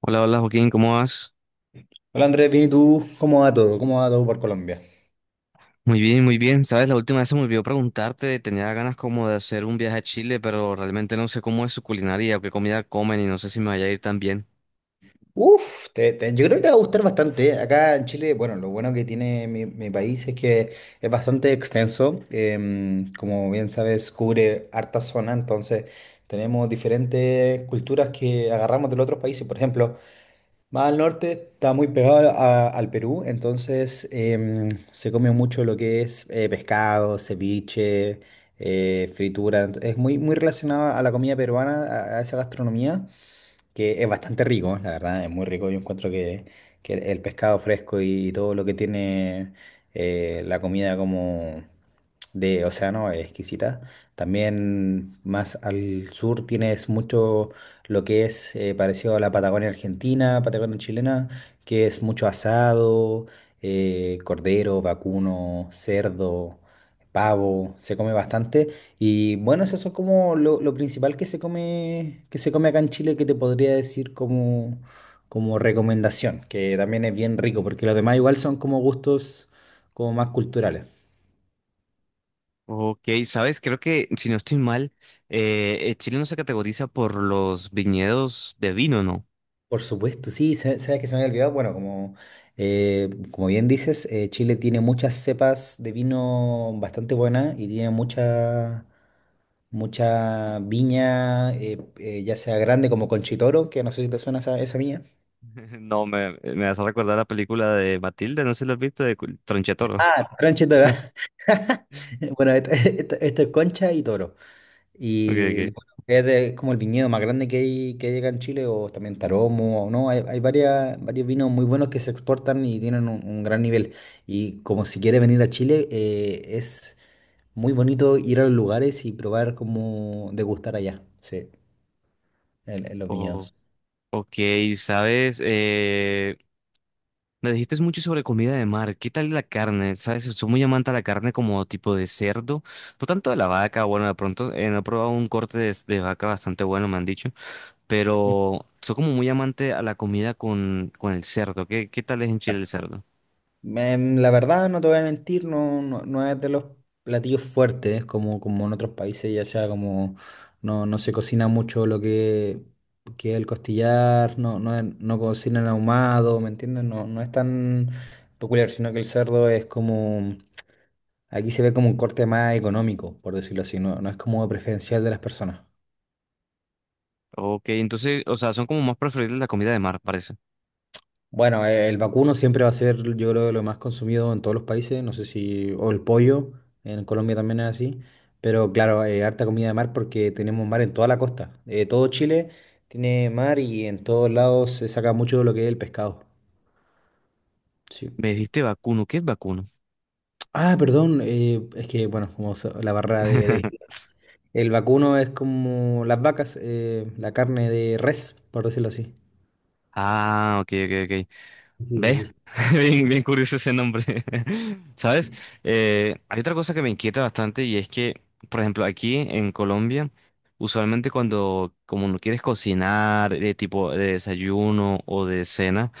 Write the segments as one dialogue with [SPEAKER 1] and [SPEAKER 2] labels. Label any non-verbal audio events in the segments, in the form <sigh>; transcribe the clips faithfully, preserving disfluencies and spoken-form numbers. [SPEAKER 1] Hola, hola Joaquín, ¿cómo vas?
[SPEAKER 2] Hola Andrés, bien, ¿y tú? ¿Cómo va todo? ¿Cómo va todo por Colombia?
[SPEAKER 1] Muy bien, muy bien. Sabes, la última vez se me olvidó preguntarte, tenía ganas como de hacer un viaje a Chile, pero realmente no sé cómo es su culinaria o qué comida comen y no sé si me vaya a ir tan bien.
[SPEAKER 2] Uf, te- te- yo creo que te va a gustar bastante, ¿eh? Acá en Chile, bueno, lo bueno que tiene mi, mi país es que es bastante extenso. Em, como bien sabes, cubre harta zona, entonces tenemos diferentes culturas que agarramos de los otros países. Por ejemplo, más al norte está muy pegado a- al Perú, entonces em, se come mucho lo que es eh, pescado, ceviche, eh, fritura. ent- Es muy, muy relacionado a la comida peruana, a, a esa gastronomía, que es bastante rico, la verdad, es muy rico. Yo encuentro que, que el pescado fresco y todo lo que tiene eh, la comida como de océano es exquisita. También más al sur tienes mucho lo que es eh, parecido a la Patagonia argentina, Patagonia chilena, que es mucho asado, eh, cordero, vacuno, cerdo, pavo, se come bastante. Y bueno, eso es como lo, lo principal que se come, que se come acá en Chile, que te podría decir como, como recomendación, que también es bien rico, porque los demás igual son como gustos como más culturales.
[SPEAKER 1] Ok, sabes, creo que si no estoy mal, eh, eh, Chile no se categoriza por los viñedos de vino, ¿no?
[SPEAKER 2] Por supuesto, sí, sa- sabes que se me había olvidado. Bueno, como, eh, como bien dices, eh, Chile tiene muchas cepas de vino bastante buenas y tiene mucha, mucha viña, eh, eh, ya sea grande como Conchitoro, que no sé si te suena esa, esa viña.
[SPEAKER 1] <laughs> No, me, me vas a recordar la película de Matilde, no sé si lo has visto, de Cul- Tronchetoro.
[SPEAKER 2] Ah, Conchitoro. <laughs>
[SPEAKER 1] <laughs>
[SPEAKER 2] <laughs> Bueno, esto, esto- esto es concha y toro.
[SPEAKER 1] Ok,
[SPEAKER 2] Y
[SPEAKER 1] ok.
[SPEAKER 2] bueno, es de- como el viñedo más grande que hay, que hay acá en Chile, o también Taromo, o no. Hay, hay varias, varios vinos muy buenos que se exportan y tienen un, un gran nivel. Y como si quieres venir a Chile, eh, es muy bonito ir a los lugares y probar como degustar allá, sí, en, en los
[SPEAKER 1] O-
[SPEAKER 2] viñedos.
[SPEAKER 1] ok, sabes, me dijiste mucho sobre comida de mar. ¿Qué tal la carne? ¿Sabes? Soy muy amante a la carne como tipo de cerdo. No tanto de la vaca. Bueno, de pronto eh, no he probado un corte de, de vaca bastante bueno, me han dicho. Pero soy como muy amante a la comida con, con el cerdo. ¿Qué, qué tal es en Chile el cerdo?
[SPEAKER 2] Em, la verdad, no te voy a mentir, no, no, no es de los platillos fuertes, como, como en otros países, ya sea como no, no se cocina mucho lo que, que el costillar, no, no, es- no cocinan ahumado, ¿me entiendes? No, no es tan peculiar, sino que el cerdo es como, aquí se ve como un corte más económico, por decirlo así, no, no es como preferencial de las personas.
[SPEAKER 1] Ok, entonces, o sea, son como más preferibles la comida de mar, parece.
[SPEAKER 2] Bueno, eh, el vacuno siempre va a ser, yo creo, lo más consumido en todos los países. No sé si, o el pollo, en Colombia también es así. Pero claro, eh, harta comida de mar porque tenemos mar en toda la costa. Eh, todo Chile tiene mar y en todos lados se saca mucho de lo que es el pescado. Sí.
[SPEAKER 1] Me dijiste vacuno. ¿Qué es vacuno?
[SPEAKER 2] Ah, perdón, eh, es que, bueno, como so- la barra de, de-
[SPEAKER 1] <laughs>
[SPEAKER 2] el vacuno es como las vacas, eh, la carne de res, por decirlo así.
[SPEAKER 1] Ah, ok, ok, ok.
[SPEAKER 2] Sí,
[SPEAKER 1] ¿Ves?
[SPEAKER 2] sí, sí.
[SPEAKER 1] <laughs> Bien, bien curioso ese nombre. <laughs> ¿Sabes? Eh, hay otra cosa que me inquieta bastante y es que, por ejemplo, aquí en Colombia, usualmente cuando como no quieres cocinar de tipo de desayuno o de cena,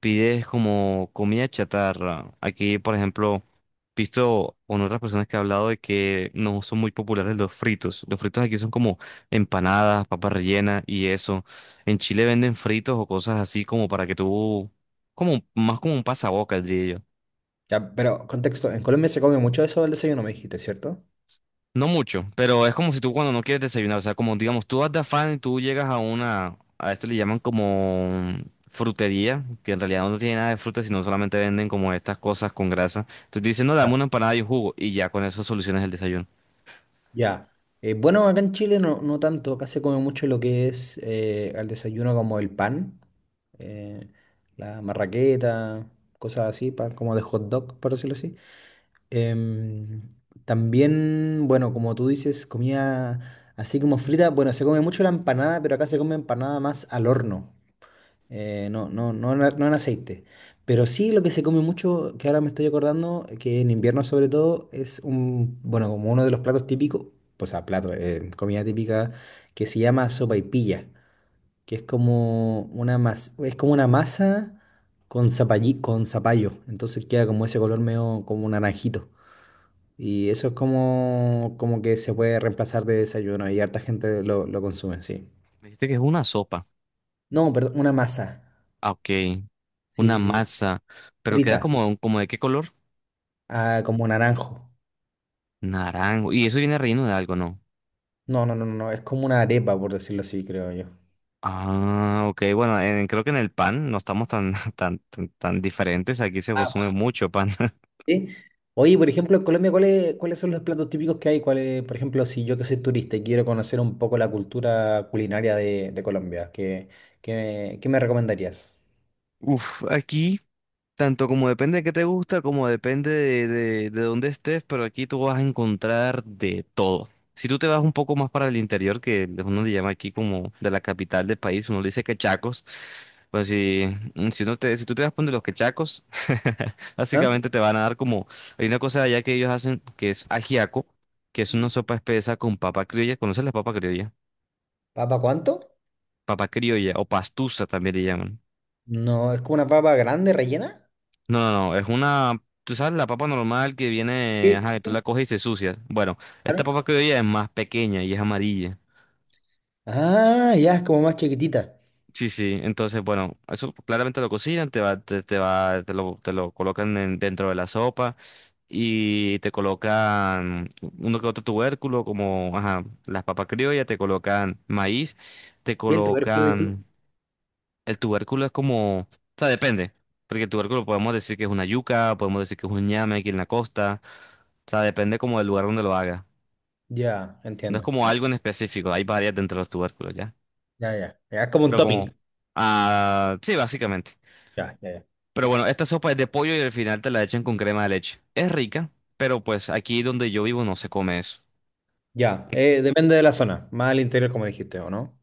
[SPEAKER 1] pides como comida chatarra. Aquí, por ejemplo, visto con otras personas que he hablado de que no son muy populares los fritos. Los fritos aquí son como empanadas, papas rellenas y eso. En Chile venden fritos o cosas así como para que tú como un- más como un pasabocas, diría yo.
[SPEAKER 2] Ya, pero contexto, en Colombia se come mucho eso del desayuno, me dijiste, ¿cierto?
[SPEAKER 1] No mucho, pero es como si tú cuando no quieres desayunar, o sea, como digamos, tú vas de afán y tú llegas a una, a esto le llaman como frutería, que en realidad no tiene nada de fruta, sino solamente venden como estas cosas con grasa. Entonces dicen, no, dame una empanada y un jugo, y ya con eso solucionas el desayuno.
[SPEAKER 2] Ya. Eh, bueno, acá en Chile no, no tanto, acá se come mucho lo que es eh, al desayuno como el pan, eh, la marraqueta, cosas así, pan como de hot dog, por decirlo así. Em, También, bueno, como tú dices, comida así como frita, bueno, se come mucho la empanada, pero acá se come empanada más al horno. Eh, no, no, no, en a- no en aceite. Pero sí lo que se come mucho, que ahora me estoy acordando, que en invierno sobre todo, es un, bueno, como uno de los platos típicos, pues a plato, eh, comida típica, que se llama sopaipilla, que es como una masa, es como una masa con zapallí, con zapallo. Entonces queda como ese color medio como un naranjito. Y eso es como, como que se puede reemplazar de desayuno y harta gente lo, lo consume, sí.
[SPEAKER 1] Me dijiste que es una sopa.
[SPEAKER 2] No, perdón, una masa.
[SPEAKER 1] Ah, ok,
[SPEAKER 2] Sí,
[SPEAKER 1] una
[SPEAKER 2] sí, sí.
[SPEAKER 1] masa, pero queda
[SPEAKER 2] Frita.
[SPEAKER 1] como, ¿como de qué color?
[SPEAKER 2] Ah, como naranjo.
[SPEAKER 1] Naranjo. Y eso viene relleno de algo, ¿no?
[SPEAKER 2] No, no, no, no, no, es como una arepa, por decirlo así, creo yo.
[SPEAKER 1] Ah, ok, bueno, en- creo que en el pan no estamos tan, <laughs> tan, tan, tan diferentes, aquí se consume
[SPEAKER 2] Ah,
[SPEAKER 1] mucho pan. <laughs>
[SPEAKER 2] ¿sí? Oye, por ejemplo, en Colombia, ¿cuáles, ¿cuáles son los platos típicos que hay? ¿Cuáles, por ejemplo, si yo que soy turista y quiero conocer un poco la cultura culinaria de, de Colombia? ¿Qué, qué, qué me recomendarías?
[SPEAKER 1] Uf, aquí tanto como depende de qué te gusta, como depende de, de, de dónde estés, pero aquí tú vas a encontrar de todo. Si tú te vas un poco más para el interior, que uno le llama aquí como de la capital del país, uno le dice quechacos, pues si, mm, si, uno te, si tú te vas por donde los quechacos, <laughs>
[SPEAKER 2] ¿Ah?
[SPEAKER 1] básicamente te van a dar como, hay una cosa allá que ellos hacen que es ajiaco, que es una sopa espesa con papa criolla, ¿conoces la papa criolla?
[SPEAKER 2] ¿Papa cuánto?
[SPEAKER 1] Papa criolla o pastusa también le llaman.
[SPEAKER 2] No, es como una papa grande, rellena.
[SPEAKER 1] No, no, no, es una, tú sabes, la papa normal que viene,
[SPEAKER 2] Sí,
[SPEAKER 1] ajá,
[SPEAKER 2] sí,
[SPEAKER 1] que tú la
[SPEAKER 2] sí,
[SPEAKER 1] coges y se sucia. Bueno, esta
[SPEAKER 2] claro.
[SPEAKER 1] papa que hoy es más pequeña y es amarilla.
[SPEAKER 2] Ah, ya, es como más chiquitita.
[SPEAKER 1] Sí, sí, entonces, bueno, eso claramente lo cocinan, te va, te, te va, te lo, te lo colocan en- dentro de la sopa y te colocan uno que otro tubérculo, como, ajá, las papas criollas, te colocan maíz, te
[SPEAKER 2] ¿Qué es el tubérculo, disculpa?
[SPEAKER 1] colocan. El tubérculo es como, o sea, depende, porque el tubérculo podemos decir que es una yuca, podemos decir que es un ñame aquí en la costa, o sea, depende como del lugar donde lo haga.
[SPEAKER 2] Ya,
[SPEAKER 1] No es
[SPEAKER 2] entiendo.
[SPEAKER 1] como
[SPEAKER 2] Ya,
[SPEAKER 1] algo en específico, hay varias dentro de los tubérculos ya,
[SPEAKER 2] ya, ya. Ya, es como un
[SPEAKER 1] pero como,
[SPEAKER 2] topping.
[SPEAKER 1] ah, sí, básicamente.
[SPEAKER 2] Ya, ya, ya.
[SPEAKER 1] Pero bueno, esta sopa es de pollo y al final te la echan con crema de leche. Es rica, pero pues aquí donde yo vivo no se come eso.
[SPEAKER 2] Ya, eh, depende de la zona, más al interior como dijiste, ¿o no?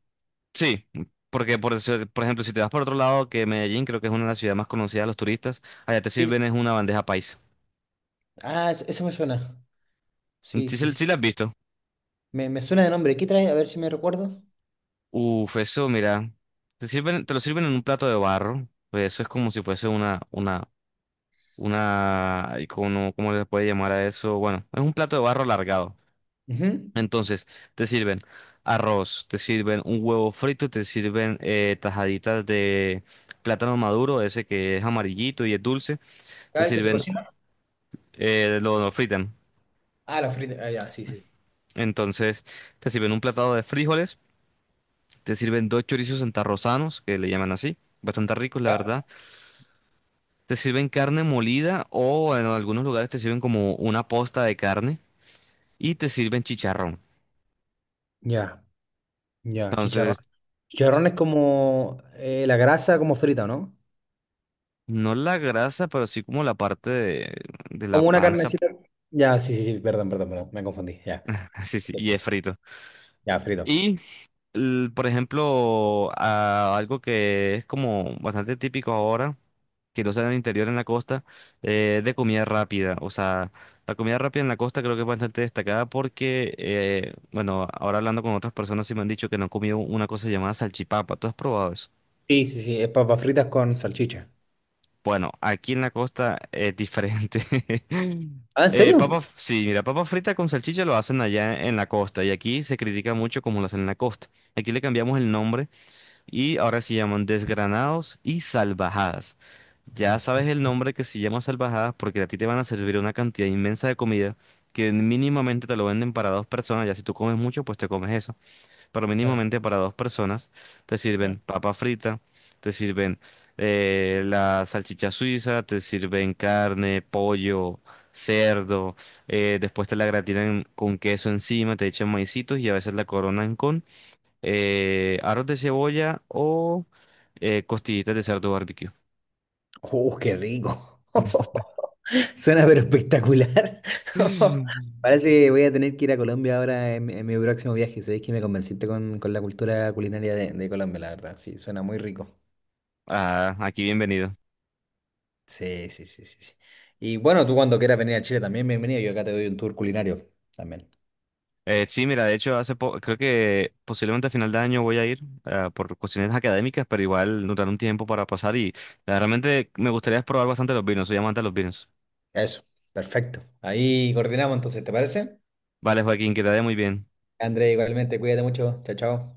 [SPEAKER 1] Sí, porque por, eso- por ejemplo, si te vas por otro lado, que Medellín creo que es una de las ciudades más conocidas de los turistas, allá te
[SPEAKER 2] Sí, sí.
[SPEAKER 1] sirven es una bandeja paisa.
[SPEAKER 2] Ah, es- eso me suena. Sí,
[SPEAKER 1] Sí,
[SPEAKER 2] sí,
[SPEAKER 1] se-
[SPEAKER 2] sí.
[SPEAKER 1] sí la has visto.
[SPEAKER 2] Me, me suena de nombre. ¿Qué trae? A ver si me recuerdo.
[SPEAKER 1] Uf, eso, mira, te sirven, te lo sirven en un plato de barro. Pues eso es como si fuese una, una, una, ay, ¿cómo, no? ¿Cómo le puede llamar a eso? Bueno, es un plato de barro alargado.
[SPEAKER 2] Ujú.
[SPEAKER 1] Entonces, te sirven arroz, te sirven un huevo frito, te sirven eh, tajaditas de plátano maduro, ese que es amarillito y es dulce, te
[SPEAKER 2] Ah, el que se
[SPEAKER 1] sirven,
[SPEAKER 2] cocina.
[SPEAKER 1] eh, lo, lo fritan.
[SPEAKER 2] Ah, la frita. Ah, ya, sí, sí.
[SPEAKER 1] Entonces, te sirven un platado de frijoles, te sirven dos chorizos santarrosanos, que le llaman así, bastante ricos, la
[SPEAKER 2] Ya,
[SPEAKER 1] verdad. Te sirven carne molida o en algunos lugares te sirven como una posta de carne y te sirven chicharrón.
[SPEAKER 2] ya, ya, chicharrón.
[SPEAKER 1] Entonces,
[SPEAKER 2] Chicharrón es como eh, la grasa como frita, ¿no?
[SPEAKER 1] no la grasa, pero sí como la parte de, de la
[SPEAKER 2] Como una
[SPEAKER 1] panza.
[SPEAKER 2] carnecita. Ya, sí, sí, sí, perdón, perdón, perdón, me confundí, ya.
[SPEAKER 1] <laughs> Sí, sí, y es frito.
[SPEAKER 2] Ya, frito.
[SPEAKER 1] Y, l- por ejemplo, a- algo que es como bastante típico ahora, que lo usan en el interior, en la costa, eh, de comida rápida. O sea, la comida rápida en la costa creo que es bastante destacada porque, eh, bueno, ahora hablando con otras personas sí me han dicho que no han comido una cosa llamada salchipapa. ¿Tú has probado eso?
[SPEAKER 2] Sí, sí, sí, es papas fritas con salchicha.
[SPEAKER 1] Bueno, aquí en la costa es diferente. <laughs>
[SPEAKER 2] Ah, ¿en
[SPEAKER 1] Eh,
[SPEAKER 2] serio?
[SPEAKER 1] papa, sí, mira, papa frita con salchicha lo hacen allá en la costa y aquí se critica mucho como lo hacen en la costa. Aquí le cambiamos el nombre y ahora se llaman desgranados y salvajadas. Ya sabes
[SPEAKER 2] Discre-
[SPEAKER 1] el nombre que se llama salvajadas porque a ti te van a servir una cantidad inmensa de comida que mínimamente te lo venden para dos personas. Ya si tú comes mucho, pues te comes eso. Pero
[SPEAKER 2] Ya,
[SPEAKER 1] mínimamente para dos personas te
[SPEAKER 2] ya.
[SPEAKER 1] sirven papa frita, te sirven eh, la salchicha suiza, te sirven carne, pollo, cerdo. Eh, después te la gratinan con queso encima, te echan maicitos y a veces la coronan con eh, arroz de cebolla o eh, costillitas de cerdo barbecue.
[SPEAKER 2] ¡Uh, qué rico! <laughs> Suena pero espectacular. <laughs>
[SPEAKER 1] <laughs>
[SPEAKER 2] Parece que voy a tener que ir a Colombia ahora en, en mi próximo viaje. Sabéis que me convenciste con, con la cultura culinaria de, de Colombia, la verdad. Sí, suena muy rico.
[SPEAKER 1] Ah, aquí bienvenido.
[SPEAKER 2] Sí, sí, sí, sí, sí. Y bueno, tú cuando quieras venir a Chile también, bienvenido. Yo acá te doy un tour culinario también.
[SPEAKER 1] Eh, sí, mira, de hecho, hace po- creo que posiblemente a final de año voy a ir ah, por cuestiones académicas, pero igual nos dará un tiempo para pasar y ah, realmente me gustaría probar bastante los vinos, soy amante de los vinos.
[SPEAKER 2] Eso, perfecto. Ahí coordinamos entonces, ¿te parece?
[SPEAKER 1] Vale, Joaquín, que te vaya muy bien.
[SPEAKER 2] André, igualmente, cuídate mucho. Chao, chao.